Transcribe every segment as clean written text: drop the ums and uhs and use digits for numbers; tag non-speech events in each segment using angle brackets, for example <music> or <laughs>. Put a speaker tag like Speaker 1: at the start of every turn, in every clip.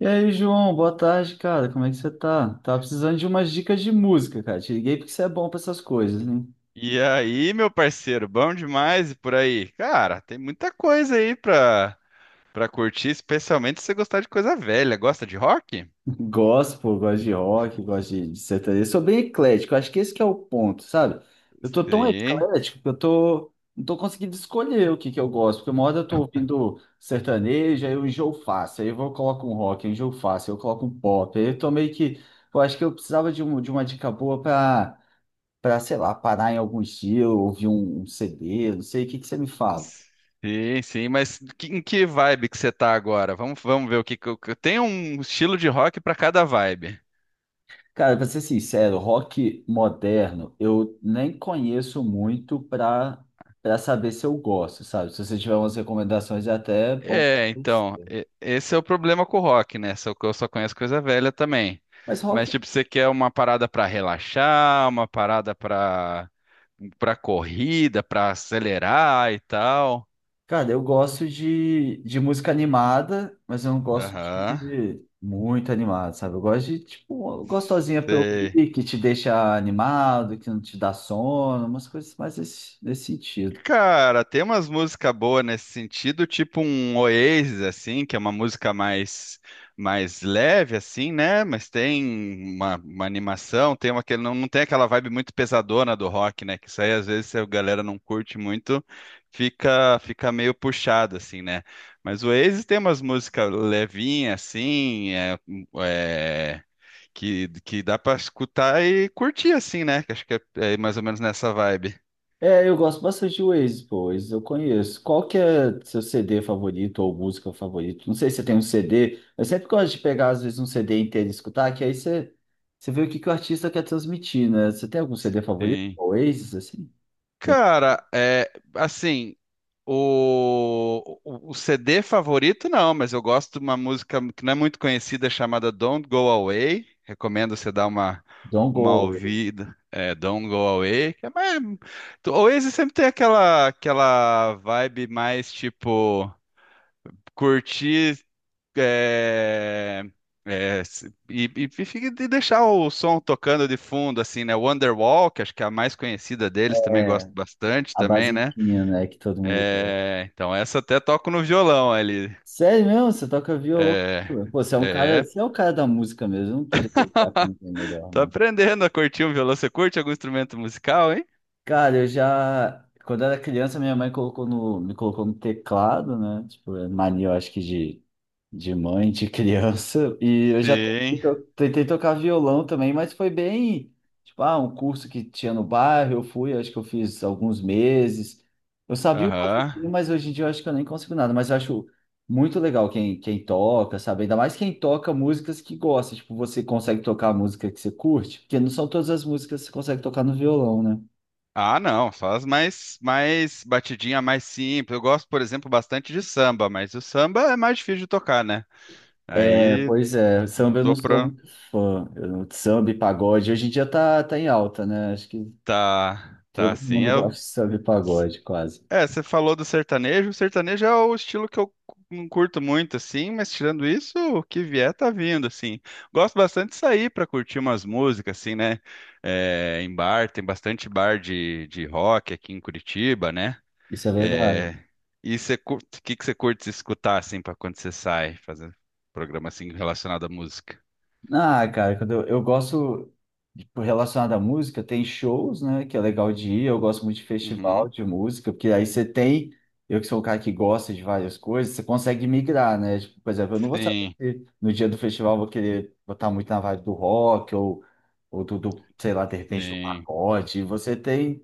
Speaker 1: E aí, João, boa tarde, cara. Como é que você tá? Tava precisando de umas dicas de música, cara. Te liguei porque você é bom pra essas coisas, né?
Speaker 2: E aí, meu parceiro, bom demais e por aí? Cara, tem muita coisa aí pra curtir, especialmente se você gostar de coisa velha. Gosta de rock?
Speaker 1: <laughs> Gospel, gosto de rock, gosto de sertanejo. Sou bem eclético, acho que esse que é o ponto, sabe? Eu tô tão
Speaker 2: Sim,
Speaker 1: eclético que não tô conseguindo escolher o que que eu gosto, porque uma hora eu tô ouvindo sertanejo, aí eu enjoo fácil, aí eu vou, coloco um rock, eu enjoo fácil, aí eu coloco um pop, aí eu tô meio que, eu acho que eu precisava de uma dica boa pra para, sei lá, parar em alguns dias, ouvir um CD, não sei, o que que você me fala?
Speaker 2: sim, mas em que vibe que você tá agora? Vamos ver o que eu Tem um estilo de rock pra cada vibe.
Speaker 1: Cara, pra ser sincero, rock moderno, eu nem conheço muito para saber se eu gosto, sabe? Se você tiver umas recomendações, é até bom pra
Speaker 2: É, então,
Speaker 1: conhecer.
Speaker 2: esse é o problema com o rock, né? Só que eu só conheço coisa velha também.
Speaker 1: Mas rock,
Speaker 2: Mas, tipo, você quer uma parada pra relaxar, uma parada pra para corrida, para acelerar e tal.
Speaker 1: cara, eu gosto de música animada, mas eu não gosto
Speaker 2: Aham.
Speaker 1: de muito animado, sabe? Eu gosto de, tipo, uma gostosinha pra
Speaker 2: Sei.
Speaker 1: ouvir, que te deixa animado, que não te dá sono, umas coisas mais nesse sentido.
Speaker 2: Cara, tem umas músicas boas nesse sentido, tipo um Oasis, assim, que é uma música mais leve, assim, né? Mas tem uma animação, tem uma que não tem aquela vibe muito pesadona do rock, né? Que isso aí, às vezes, se a galera não curte muito, fica meio puxado, assim, né? Mas o Oasis tem umas músicas levinhas, assim, é, que dá pra escutar e curtir assim, né? Que acho que é mais ou menos nessa vibe.
Speaker 1: É, eu gosto bastante de Oasis, pô, Oasis eu conheço. Qual que é seu CD favorito ou música favorita? Não sei se você tem um CD, eu sempre gosto de pegar, às vezes, um CD inteiro e escutar, que aí você, você vê que o artista quer transmitir, né? Você tem algum CD favorito?
Speaker 2: Sim.
Speaker 1: Oasis, assim? Tem
Speaker 2: Cara, é assim, o CD favorito não, mas eu gosto de uma música que não é muito conhecida chamada Don't Go Away. Recomendo você dar uma
Speaker 1: Don't
Speaker 2: uma
Speaker 1: Go Away,
Speaker 2: ouvida. É, Don't Go Away. Que é mais... O Oasis sempre tem aquela vibe mais tipo curtir é, e fica de deixar o som tocando de fundo, assim, né? Wonderwall, que acho que é a mais conhecida deles, também gosto
Speaker 1: é
Speaker 2: bastante
Speaker 1: a
Speaker 2: também, né?
Speaker 1: basiquinha, né, que todo mundo gosta.
Speaker 2: É, então essa até toco no violão ali.
Speaker 1: Sério mesmo? Você toca violão?
Speaker 2: É,
Speaker 1: Pô, você é um cara,
Speaker 2: é,
Speaker 1: você é um cara da música mesmo, eu não poderia ligar pra ninguém
Speaker 2: <laughs>
Speaker 1: melhor.
Speaker 2: tô aprendendo a curtir um violão. Você curte algum instrumento musical, hein?
Speaker 1: Cara, eu já. Quando eu era criança, minha mãe colocou no, me colocou no teclado, né? Tipo, é mania, eu acho que de mãe, de <laughs> criança. E eu já
Speaker 2: Sim.
Speaker 1: tentei tocar violão também, mas foi bem. Tipo, ah, um curso que tinha no bairro, eu fui, acho que eu fiz alguns meses. Eu sabia um pouquinho,
Speaker 2: Aham.
Speaker 1: mas hoje em dia eu acho que eu nem consigo nada. Mas eu acho muito legal quem toca, sabe? Ainda mais quem toca músicas que gosta. Tipo, você consegue tocar a música que você curte, porque não são todas as músicas que você consegue tocar no violão, né?
Speaker 2: Ah, não, só as mais batidinha, mais simples. Eu gosto, por exemplo, bastante de samba, mas o samba é mais difícil de tocar, né?
Speaker 1: É,
Speaker 2: Aí
Speaker 1: pois é, samba eu não
Speaker 2: tô
Speaker 1: sou
Speaker 2: pro...
Speaker 1: muito fã. Samba e pagode hoje em dia tá em alta, né? Acho que
Speaker 2: Tá, tá
Speaker 1: todo
Speaker 2: assim.
Speaker 1: mundo gosta de samba e pagode, quase.
Speaker 2: Você falou do sertanejo. O sertanejo é o estilo que eu não curto muito, assim, mas tirando isso, o que vier tá vindo, assim. Gosto bastante de sair pra curtir umas músicas, assim, né? É, em bar, tem bastante bar de rock aqui em Curitiba, né?
Speaker 1: Isso é verdade.
Speaker 2: É, e você curte, o que que você curte escutar, assim, pra quando você sai, fazer um programa, assim, relacionado à música?
Speaker 1: Ah, cara, eu gosto, tipo, relacionado à música, tem shows, né, que é legal de ir, eu gosto muito de festival
Speaker 2: Uhum.
Speaker 1: de música, porque aí você tem, eu que sou um cara que gosta de várias coisas, você consegue migrar, né, tipo, por exemplo, eu não vou saber
Speaker 2: Sim,
Speaker 1: se no dia do festival eu vou querer botar muito na vibe do rock, ou sei lá, de repente do
Speaker 2: sim,
Speaker 1: pagode, você tem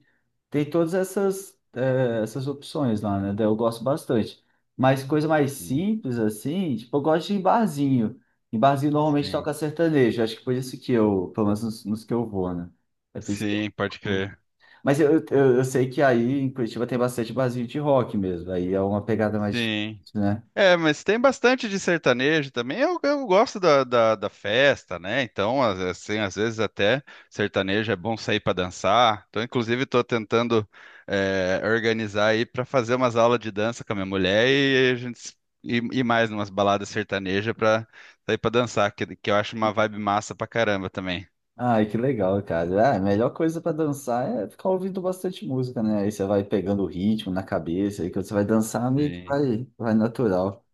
Speaker 1: tem todas essas, eh, essas opções lá, né? Daí eu gosto bastante. Mas coisa mais
Speaker 2: sim,
Speaker 1: simples, assim, tipo, eu gosto de ir em barzinho. Em barzinho normalmente
Speaker 2: sim,
Speaker 1: toca sertanejo. Acho que por isso que eu, pelo menos nos que eu vou, né? É por isso que eu
Speaker 2: sim, pode
Speaker 1: vou.
Speaker 2: crer.
Speaker 1: Mas eu sei que aí em Curitiba tem bastante barzinho de rock mesmo. Aí é uma pegada mais difícil,
Speaker 2: Sim.
Speaker 1: né?
Speaker 2: É, mas tem bastante de sertanejo também. Eu gosto da festa, né? Então, assim, às vezes até sertanejo é bom sair para dançar. Então, inclusive, estou tentando organizar aí para fazer umas aulas de dança com a minha mulher e a gente ir mais numas baladas sertanejas para sair para dançar, que eu acho uma vibe massa pra caramba também.
Speaker 1: Ai, que legal, cara. Ah, a melhor coisa pra dançar é ficar ouvindo bastante música, né? Aí você vai pegando o ritmo na cabeça, aí quando você vai dançar, meio que
Speaker 2: Sim.
Speaker 1: vai natural.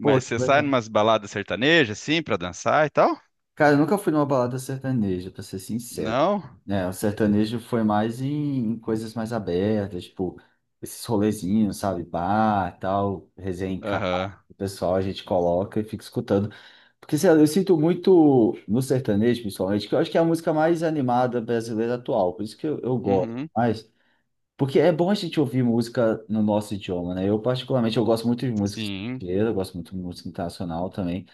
Speaker 1: Pô, que
Speaker 2: você sai
Speaker 1: legal.
Speaker 2: numas baladas sertanejas, assim, para dançar e tal?
Speaker 1: Cara, eu nunca fui numa balada sertaneja, pra ser sincero.
Speaker 2: Não?
Speaker 1: Né, o sertanejo foi mais em, em coisas mais abertas, tipo, esses rolezinhos, sabe? Bar, tal, resenha em casa,
Speaker 2: Aham.
Speaker 1: o pessoal a gente coloca e fica escutando. Porque, sei lá, eu sinto muito no sertanejo, principalmente, que eu acho que é a música mais animada brasileira atual, por isso que eu gosto
Speaker 2: Uhum.
Speaker 1: mais. Porque é bom a gente ouvir música no nosso idioma, né? Eu, particularmente, eu gosto muito de música
Speaker 2: Sim.
Speaker 1: estrangeira, eu gosto muito de música internacional também.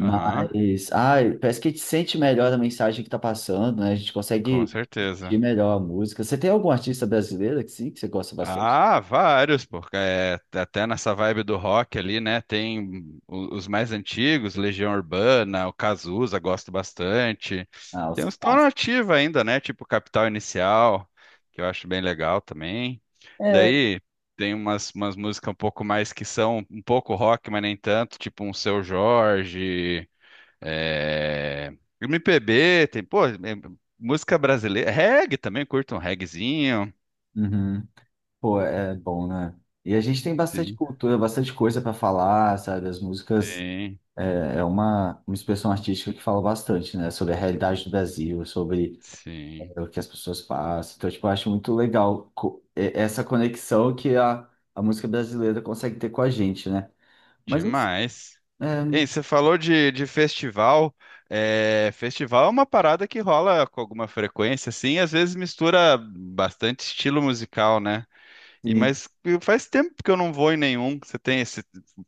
Speaker 2: Aham.
Speaker 1: ah, parece que a gente sente melhor a mensagem que tá passando, né? A gente
Speaker 2: Com
Speaker 1: consegue sentir
Speaker 2: certeza.
Speaker 1: melhor a música. Você tem algum artista brasileiro que sim, que você gosta bastante?
Speaker 2: Ah, vários, porque é, até nessa vibe do rock ali, né? Tem os mais antigos, Legião Urbana, o Cazuza, gosto bastante.
Speaker 1: Ah, os
Speaker 2: Tem uns que estão na
Speaker 1: clássicos.
Speaker 2: ativa ainda, né? Tipo Capital Inicial, que eu acho bem legal também. Daí tem umas músicas um pouco mais que são um pouco rock, mas nem tanto, tipo um Seu Jorge, é, MPB, tem, pô, é, música brasileira, reggae também, curto um reggaezinho.
Speaker 1: Uhum. Pô, é bom, né? E a gente tem bastante
Speaker 2: Sim,
Speaker 1: cultura, bastante coisa para falar, sabe? As músicas
Speaker 2: sim,
Speaker 1: é uma expressão artística que fala bastante, né? Sobre a realidade do Brasil, sobre
Speaker 2: sim,
Speaker 1: é, o que as pessoas passam. Então, tipo, eu acho muito legal essa conexão que a música brasileira consegue ter com a gente, né? Mas,
Speaker 2: demais.
Speaker 1: é.
Speaker 2: Hein, você falou de festival. É, festival é uma parada que rola com alguma frequência, assim, às vezes mistura bastante estilo musical, né? E
Speaker 1: Sim.
Speaker 2: mas faz tempo que eu não vou em nenhum. Você tem esse,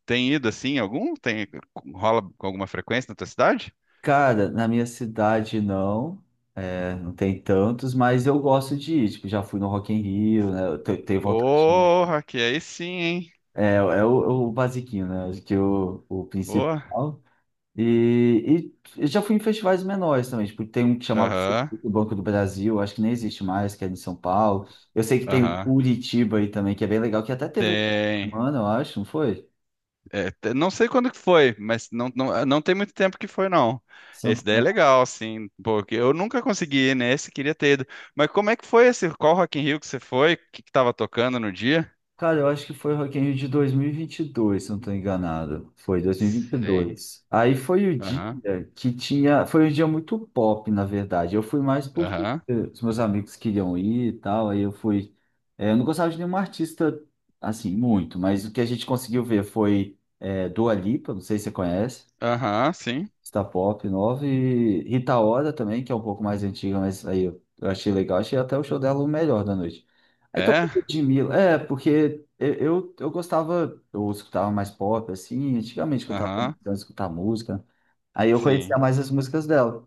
Speaker 2: tem ido assim, em algum? Tem rola com alguma frequência na tua cidade?
Speaker 1: Cara, na minha cidade não, é, não tem tantos, mas eu gosto de ir. Tipo, já fui no Rock in Rio, né? Tenho vontade de.
Speaker 2: Porra, que aí sim, hein?
Speaker 1: É, é o, é o basiquinho, né? Acho que o
Speaker 2: Boa.
Speaker 1: principal. E, e eu já fui em festivais menores também. Tipo, tem um que chamava
Speaker 2: Aham,
Speaker 1: o Banco do Brasil, acho que nem existe mais, que é em São Paulo. Eu sei que tem o
Speaker 2: aham.
Speaker 1: Curitiba aí também, que é bem legal, que até teve essa
Speaker 2: Tem.
Speaker 1: semana, eu acho, não foi?
Speaker 2: É, não sei quando que foi, mas não tem muito tempo que foi, não. Esse daí é legal, assim, porque eu nunca consegui ir nesse, queria ter ido. Mas como é que foi esse? Qual Rock in Rio que você foi? O que que tava tocando no dia?
Speaker 1: Cara, eu acho que foi o Rock in Rio de 2022, se não estou enganado. Foi
Speaker 2: Sim.
Speaker 1: 2022. Aí foi o dia
Speaker 2: Aham,
Speaker 1: que tinha... Foi um dia muito pop, na verdade. Eu fui mais porque
Speaker 2: aham,
Speaker 1: os meus amigos queriam ir e tal. Aí eu fui... É, eu não gostava de nenhum artista, assim, muito. Mas o que a gente conseguiu ver foi é, Dua Lipa, não sei se você conhece.
Speaker 2: aham, sim.
Speaker 1: Star Pop 9 e Rita Ora também, que é um pouco mais antiga, mas aí eu achei legal, achei até o show dela o melhor da noite. Aí
Speaker 2: É?
Speaker 1: tocou Ludmilla, é, porque eu gostava, eu escutava mais pop, assim, antigamente que eu tava
Speaker 2: Aham,
Speaker 1: começando a escutar música, aí eu conhecia
Speaker 2: sim,
Speaker 1: mais as músicas dela.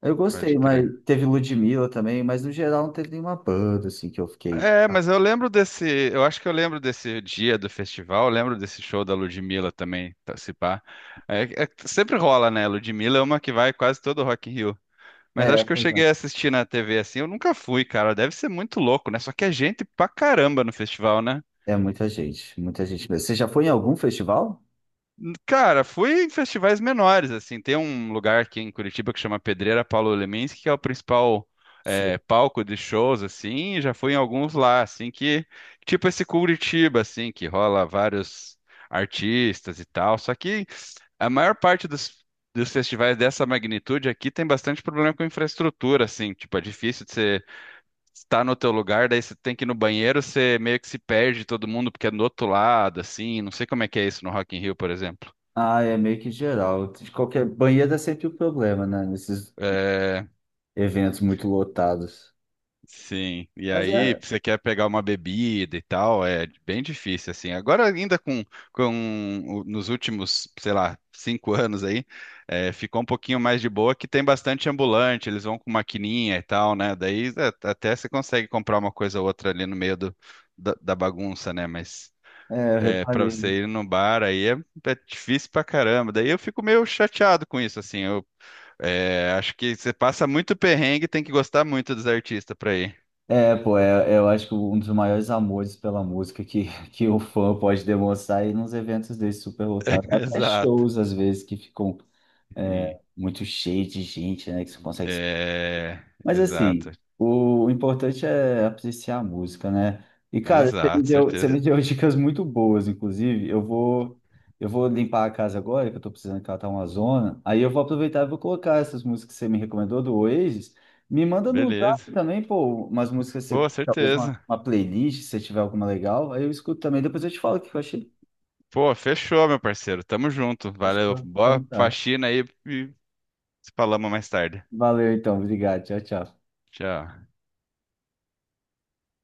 Speaker 1: Eu
Speaker 2: pode
Speaker 1: gostei, mas
Speaker 2: crer.
Speaker 1: teve Ludmilla também, mas no geral não teve nenhuma banda, assim, que eu fiquei...
Speaker 2: É,
Speaker 1: ah,
Speaker 2: mas eu lembro desse, eu acho que eu lembro desse dia do festival, eu lembro desse show da Ludmilla também, tá, se pá. Sempre rola, né? Ludmilla é uma que vai quase todo Rock in Rio. Mas
Speaker 1: é,
Speaker 2: acho que eu
Speaker 1: pois é.
Speaker 2: cheguei a assistir na TV assim. Eu nunca fui, cara. Deve ser muito louco, né? Só que é gente pra caramba no festival, né?
Speaker 1: É muita gente mesmo. Você já foi em algum festival?
Speaker 2: Cara, fui em festivais menores, assim. Tem um lugar aqui em Curitiba que chama Pedreira Paulo Leminski, que é o principal palco de shows, assim. Já fui em alguns lá, assim, que... Tipo esse Curitiba, assim, que rola vários artistas e tal. Só que a maior parte dos... Dos festivais dessa magnitude aqui tem bastante problema com infraestrutura, assim, tipo, é difícil de ser está no teu lugar, daí você tem que ir no banheiro, você meio que se perde todo mundo porque é do outro lado, assim, não sei como é que é isso no Rock in Rio, por exemplo.
Speaker 1: Ah, é meio que geral. De qualquer banheiro é sempre o problema, né? Nesses
Speaker 2: É,
Speaker 1: eventos muito lotados.
Speaker 2: sim. E
Speaker 1: Mas
Speaker 2: aí,
Speaker 1: é,
Speaker 2: você quer pegar uma bebida e tal, é bem difícil, assim. Agora, ainda nos últimos, sei lá, cinco <laughs> anos aí, ficou um pouquinho mais de boa, que tem bastante ambulante, eles vão com maquininha e tal, né? Daí até você consegue comprar uma coisa ou outra ali no meio do, da bagunça, né? Mas
Speaker 1: eu
Speaker 2: é, para
Speaker 1: reparei.
Speaker 2: você ir no bar aí é difícil pra caramba. Daí eu fico meio chateado com isso, assim. Acho que você passa muito perrengue e tem que gostar muito dos artistas pra ir.
Speaker 1: É, pô, é, eu acho que um dos maiores amores pela música que, <laughs> que o fã pode demonstrar é ir nos eventos desses super
Speaker 2: <laughs>
Speaker 1: lotados. Até
Speaker 2: Exato.
Speaker 1: shows, às vezes, que ficam é,
Speaker 2: Sim.
Speaker 1: muito cheios de gente, né? Que você consegue.
Speaker 2: É,
Speaker 1: Mas
Speaker 2: exato.
Speaker 1: assim, o importante é apreciar a música, né? E cara,
Speaker 2: Exato,
Speaker 1: você me
Speaker 2: certeza.
Speaker 1: deu <laughs> dicas muito boas, inclusive. Eu vou limpar a casa agora, que eu tô precisando catar uma zona. Aí eu vou aproveitar e vou colocar essas músicas que você me recomendou do Oasis. Me manda no zap
Speaker 2: Beleza.
Speaker 1: também, pô, umas músicas, que você,
Speaker 2: Pô,
Speaker 1: talvez
Speaker 2: certeza.
Speaker 1: uma playlist, se tiver alguma legal. Aí eu escuto também, depois eu te falo o que eu achei.
Speaker 2: Pô, fechou, meu parceiro. Tamo junto. Valeu.
Speaker 1: Fechou?
Speaker 2: Boa
Speaker 1: Então tá.
Speaker 2: faxina aí e se falamos mais tarde.
Speaker 1: Valeu então, obrigado. Tchau, tchau.
Speaker 2: Tchau.